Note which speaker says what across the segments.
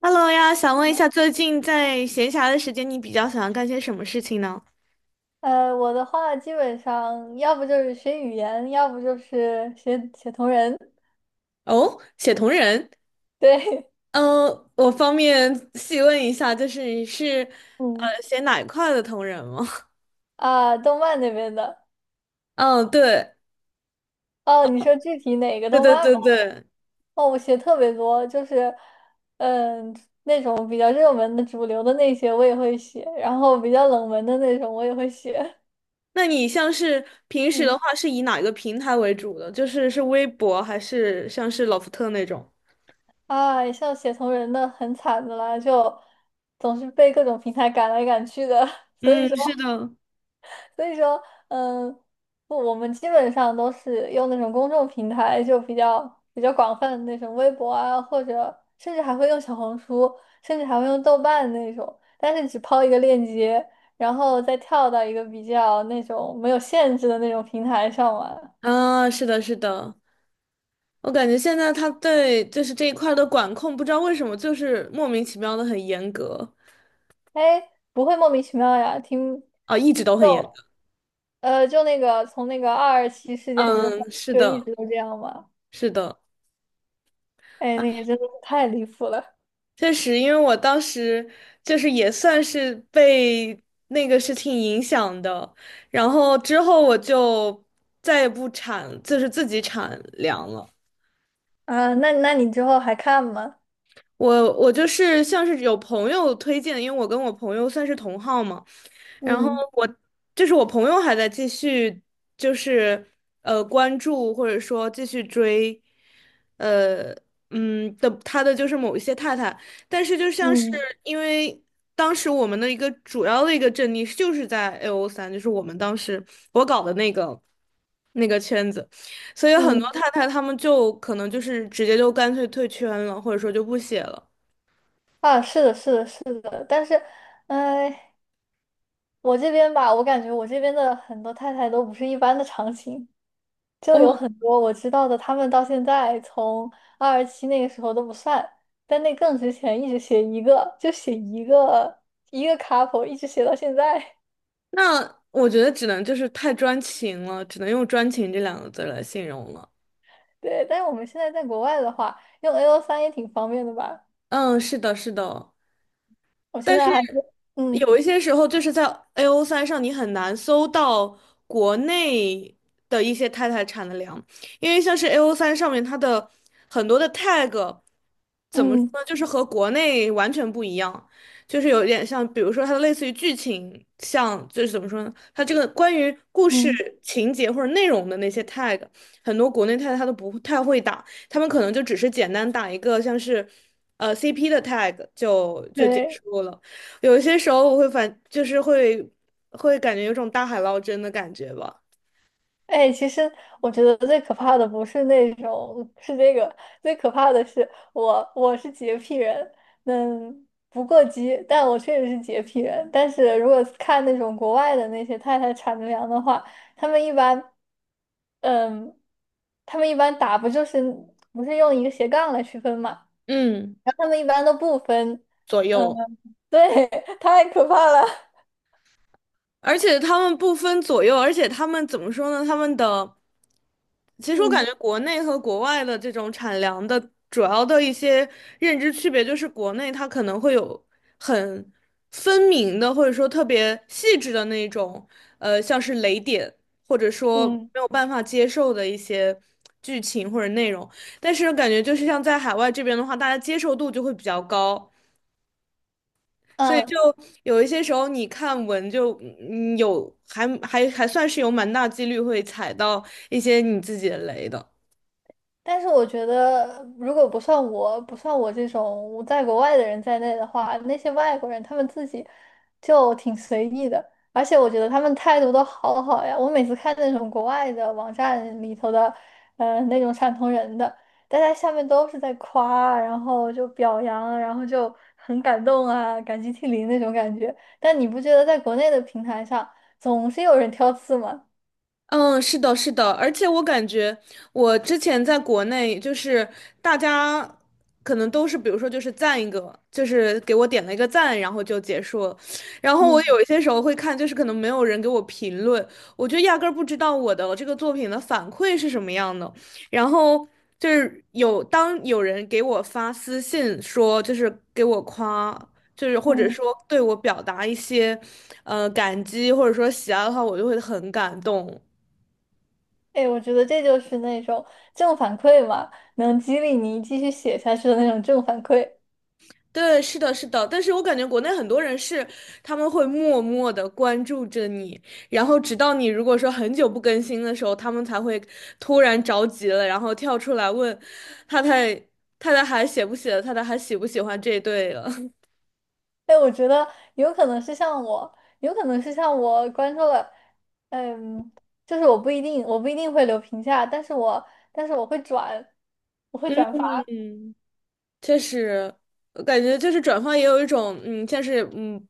Speaker 1: Hello 呀，想问一下，最近在闲暇的时间，你比较想要干些什么事情呢？
Speaker 2: 我的话基本上要不就是学语言，要不就是写写同人。
Speaker 1: 哦，写同人，
Speaker 2: 对，
Speaker 1: 嗯，我方便细问一下，就是你是
Speaker 2: 嗯
Speaker 1: 写哪一块的同人吗？
Speaker 2: 啊，动漫那边的。
Speaker 1: 嗯，对，
Speaker 2: 哦，你说具体哪个
Speaker 1: 对
Speaker 2: 动
Speaker 1: 对
Speaker 2: 漫吗？
Speaker 1: 对对。
Speaker 2: 哦，我写特别多，就是嗯那种比较热门的、主流的那些我也会写，然后比较冷门的那种我也会写。
Speaker 1: 那你像是平时的
Speaker 2: 嗯
Speaker 1: 话，是以哪一个平台为主的？就是微博还是像是老福特那种？
Speaker 2: 啊，像写同人的很惨的啦，就总是被各种平台赶来赶去的，所以
Speaker 1: 嗯，
Speaker 2: 说。
Speaker 1: 是的。
Speaker 2: 所以说，嗯，不，我们基本上都是用那种公众平台，就比较广泛的那种微博啊，或者甚至还会用小红书，甚至还会用豆瓣那种，但是只抛一个链接，然后再跳到一个比较那种没有限制的那种平台上玩。
Speaker 1: 啊，是的，是的，我感觉现在他对就是这一块儿的管控，不知道为什么就是莫名其妙的很严格。
Speaker 2: 哎，不会莫名其妙呀，听
Speaker 1: 啊，一直都很严
Speaker 2: 就
Speaker 1: 格。
Speaker 2: 就那个从那个二二七事件之后，
Speaker 1: 嗯，是
Speaker 2: 就一
Speaker 1: 的，
Speaker 2: 直都这样嘛。
Speaker 1: 是的，
Speaker 2: 哎，那个真的是太离谱了。
Speaker 1: 确实，因为我当时就是也算是被那个事情影响的，然后之后我就再也不产，就是自己产粮了。
Speaker 2: 啊！那你之后还看吗？
Speaker 1: 我就是像是有朋友推荐，因为我跟我朋友算是同号嘛，然后
Speaker 2: 嗯。
Speaker 1: 我就是我朋友还在继续，就是关注或者说继续追，呃的他的就是某一些太太，但是就像是
Speaker 2: 嗯
Speaker 1: 因为当时我们的一个主要的一个阵地就是在 AO 三，就是我们当时我搞的那个圈子，所以很多
Speaker 2: 嗯
Speaker 1: 太太他们就可能就是直接就干脆退圈了，或者说就不写了。
Speaker 2: 啊，是的，是的，是的，但是，哎，我这边吧，我感觉我这边的很多太太都不是一般的长情，就有
Speaker 1: 哦，
Speaker 2: 很多我知道的，他们到现在从二十七那个时候都不算，但那更之前一直写一个，就写一个一个 couple，一直写到现在。
Speaker 1: 那我觉得只能就是太专情了，只能用专情这两个字来形容了。
Speaker 2: 对，但是我们现在在国外的话，用 A O 三也挺方便的吧？
Speaker 1: 嗯，是的，是的，
Speaker 2: 我现
Speaker 1: 但
Speaker 2: 在
Speaker 1: 是
Speaker 2: 还是嗯
Speaker 1: 有一些时候，就是在 AO 三上，你很难搜到国内的一些太太产的粮，因为像是 AO 三上面它的很多的 tag，怎么说
Speaker 2: 嗯
Speaker 1: 呢，就是和国内完全不一样，就是有点像，比如说它的类似于剧情，像就是怎么说呢，它这个关于故事
Speaker 2: 嗯，
Speaker 1: 情节或者内容的那些 tag，很多国内太太她都不太会打，他们可能就只是简单打一个像是，CP 的 tag 就结
Speaker 2: 对。
Speaker 1: 束了。有些时候我会反，就是会感觉有种大海捞针的感觉吧，
Speaker 2: 哎，其实我觉得最可怕的不是那种，是这个，最可怕的是我，我是洁癖人，嗯，不过激，但我确实是洁癖人。但是如果看那种国外的那些太太产着粮的话，他们一般，嗯，他们一般打不就是不是用一个斜杠来区分嘛，
Speaker 1: 嗯，
Speaker 2: 然后他们一般都不分，
Speaker 1: 左
Speaker 2: 嗯，
Speaker 1: 右。
Speaker 2: 对，太可怕了，
Speaker 1: 而且他们不分左右，而且他们怎么说呢？他们的，其实我
Speaker 2: 嗯
Speaker 1: 感觉国内和国外的这种产粮的主要的一些认知区别，就是国内它可能会有很分明的，或者说特别细致的那种，像是雷点，或者说
Speaker 2: 嗯。
Speaker 1: 没有办法接受的一些剧情或者内容。但是感觉就是像在海外这边的话，大家接受度就会比较高。所以
Speaker 2: 嗯，
Speaker 1: 就有一些时候你看文就有还算是有蛮大几率会踩到一些你自己的雷的。
Speaker 2: 但是我觉得，如果不算我，不算我这种在国外的人在内的话，那些外国人他们自己就挺随意的，而且我觉得他们态度都好好呀。我每次看那种国外的网站里头的，那种汕头人的，大家下面都是在夸啊，然后就表扬，然后就很感动啊，感激涕零那种感觉。但你不觉得在国内的平台上总是有人挑刺吗？
Speaker 1: 嗯，是的，是的，而且我感觉我之前在国内，就是大家可能都是，比如说就是赞一个，就是给我点了一个赞，然后就结束了。然后我
Speaker 2: 嗯
Speaker 1: 有一些时候会看，就是可能没有人给我评论，我就压根儿不知道我的这个作品的反馈是什么样的。然后就是有当有人给我发私信说，就是给我夸，就是或者
Speaker 2: 嗯。
Speaker 1: 说对我表达一些感激或者说喜爱的话，我就会很感动。
Speaker 2: 哎，我觉得这就是那种正反馈嘛，能激励你继续写下去的那种正反馈。
Speaker 1: 对，是的，是的，但是我感觉国内很多人是他们会默默的关注着你，然后直到你如果说很久不更新的时候，他们才会突然着急了，然后跳出来问太太太太还写不写了，太太还喜不喜欢这一对了。
Speaker 2: 哎，我觉得有可能是像我，有可能是像我关注了，嗯，就是我不一定，我不一定会留评价，但是我但是我会转，我 会转发。
Speaker 1: 嗯，确实，我感觉就是转发也有一种像是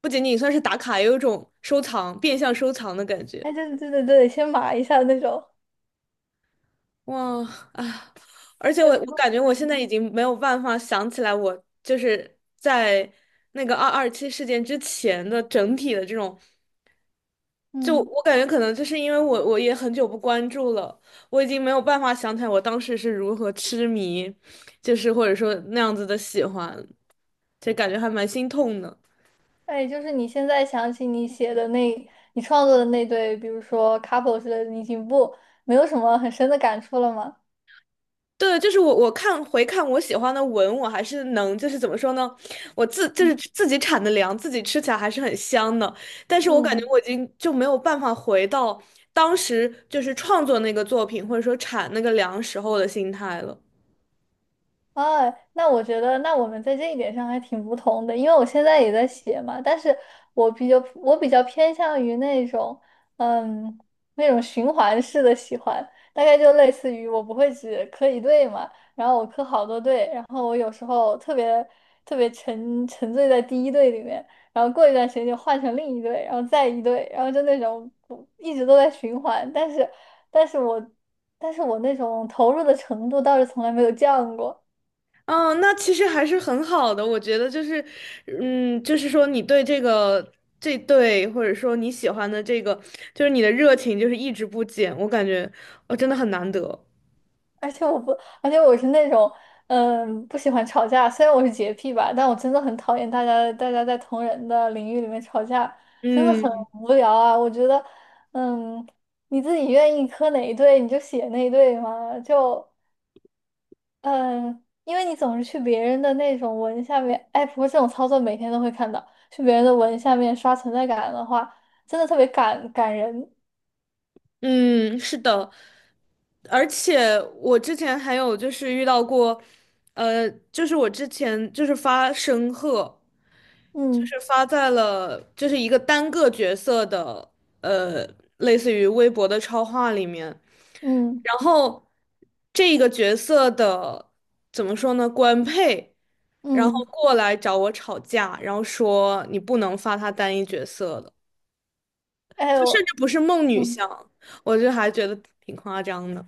Speaker 1: 不仅仅算是打卡，也有一种收藏，变相收藏的感觉。
Speaker 2: 哎，对对对对对，先码一下那种。
Speaker 1: 哇啊！而且我
Speaker 2: 哎，不
Speaker 1: 我感
Speaker 2: 过，
Speaker 1: 觉我现
Speaker 2: 嗯
Speaker 1: 在已经没有办法想起来，我就是在那个二二七事件之前的整体的这种，就
Speaker 2: 嗯，
Speaker 1: 我感觉可能就是因为我也很久不关注了，我已经没有办法想起来我当时是如何痴迷，就是或者说那样子的喜欢，就感觉还蛮心痛的。
Speaker 2: 哎，就是你现在想起你写的那，你创作的那对，比如说 couple 之类的，你已经不没有什么很深的感触了吗？
Speaker 1: 对，就是我看回看我喜欢的文，我还是能，就是怎么说呢，我就是自己产的粮，自己吃起来还是很香的。但是我感觉
Speaker 2: 嗯。
Speaker 1: 我已经就没有办法回到当时就是创作那个作品，或者说产那个粮时候的心态了。
Speaker 2: 啊，那我觉得，那我们在这一点上还挺不同的，因为我现在也在写嘛，但是我比较偏向于那种，嗯，那种循环式的喜欢，大概就类似于我不会只磕一对嘛，然后我磕好多对，然后我有时候特别沉醉在第一对里面，然后过一段时间就换成另一对，然后再一对，然后就那种不一直都在循环，但是但是我但是我那种投入的程度倒是从来没有降过。
Speaker 1: 嗯，那其实还是很好的，我觉得就是，就是说你对这对，或者说你喜欢的这个，就是你的热情就是一直不减，我感觉我真的很难得。
Speaker 2: 而且我不，而且我是那种，嗯，不喜欢吵架。虽然我是洁癖吧，但我真的很讨厌大家在同人的领域里面吵架，真的很
Speaker 1: 嗯。
Speaker 2: 无聊啊。我觉得，嗯，你自己愿意磕哪一对你就写那一对嘛，就嗯，因为你总是去别人的那种文下面，哎，不过这种操作每天都会看到，去别人的文下面刷存在感的话，真的特别感人。
Speaker 1: 嗯，是的，而且我之前还有就是遇到过，就是我之前就是发申鹤，就
Speaker 2: 嗯
Speaker 1: 是发在了就是一个单个角色的，呃，类似于微博的超话里面，
Speaker 2: 嗯
Speaker 1: 然后这个角色的怎么说呢，官配，然后
Speaker 2: 嗯，
Speaker 1: 过来找我吵架，然后说你不能发他单一角色的。
Speaker 2: 哎
Speaker 1: 就甚至
Speaker 2: 我
Speaker 1: 不是梦女
Speaker 2: 嗯
Speaker 1: 像，我就还觉得挺夸张的。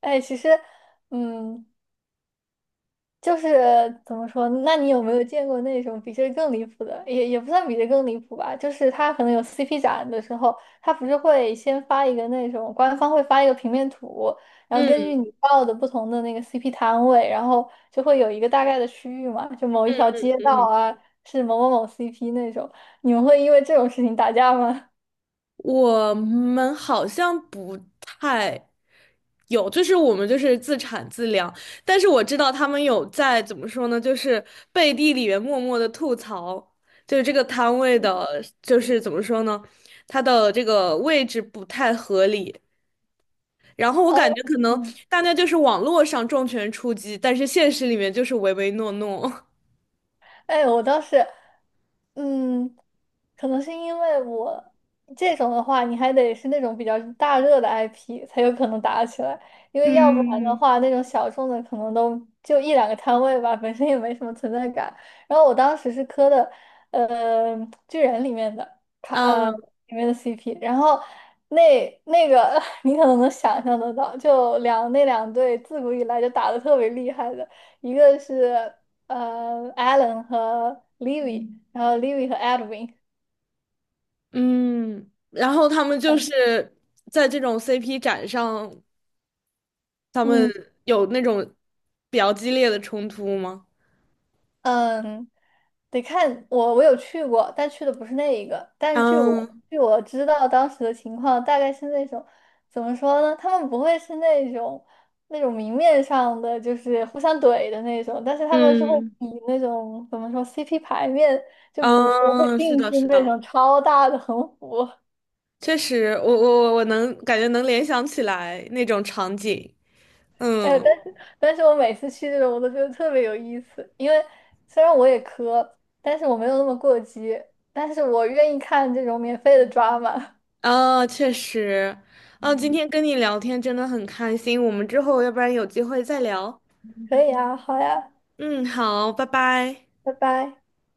Speaker 2: 哎，其实嗯。就是怎么说呢，那你有没有见过那种比这更离谱的？也不算比这更离谱吧，就是他可能有 CP 展的时候，他不是会先发一个那种官方会发一个平面图，然后根据
Speaker 1: 嗯
Speaker 2: 你报的不同的那个 CP 摊位，然后就会有一个大概的区域嘛，就某一条街道
Speaker 1: 嗯，
Speaker 2: 啊是某某某 CP 那种。你们会因为这种事情打架吗？
Speaker 1: 我们好像不太有，就是我们就是自产自量，但是我知道他们有在怎么说呢，就是背地里面默默的吐槽，就是这个摊位的，就是怎么说呢，它的这个位置不太合理。然后我感
Speaker 2: 哦，
Speaker 1: 觉可能
Speaker 2: 嗯
Speaker 1: 大家就是网络上重拳出击，但是现实里面就是唯唯诺诺。
Speaker 2: 哎，我倒是，嗯，可能是因为我这种的话，你还得是那种比较大热的 IP 才有可能打起来，因 为要不然的
Speaker 1: 嗯。
Speaker 2: 话，那种小众的可能都就一两个摊位吧，本身也没什么存在感。然后我当时是磕的，呃，巨人里面的卡，
Speaker 1: 嗯，
Speaker 2: 里面的 CP，然后那那个 你可能能想象得到，就两那两队自古以来就打得特别厉害的。一个是Alan 和 Livy，然后 Livy 和 Edwin，
Speaker 1: 嗯，然后他们就是在这种 CP 展上，他们
Speaker 2: 嗯
Speaker 1: 有那种比较激烈的冲突吗？
Speaker 2: 嗯，得看我有去过，但去的不是那一个。但
Speaker 1: 嗯
Speaker 2: 据我知道当时的情况，大概是那种怎么说呢？他们不会是那种明面上的就是互相怼的那种，但是他们是会
Speaker 1: 嗯
Speaker 2: 比那种怎么说 CP 排面，就比如说会
Speaker 1: 嗯，是
Speaker 2: 定
Speaker 1: 的，
Speaker 2: 制
Speaker 1: 是
Speaker 2: 那
Speaker 1: 的，
Speaker 2: 种超大的横幅。
Speaker 1: 确实，我能感觉能联想起来那种场景。
Speaker 2: 哎，
Speaker 1: 嗯
Speaker 2: 但是我每次去这种，我都觉得特别有意思，因为虽然我也磕，但是我没有那么过激，但是我愿意看这种免费的抓马。
Speaker 1: 啊，确实，啊，今天跟你聊天真的很开心，我们之后要不然有机会再聊。
Speaker 2: 可以啊，好呀，
Speaker 1: 嗯，好，拜拜。
Speaker 2: 拜拜。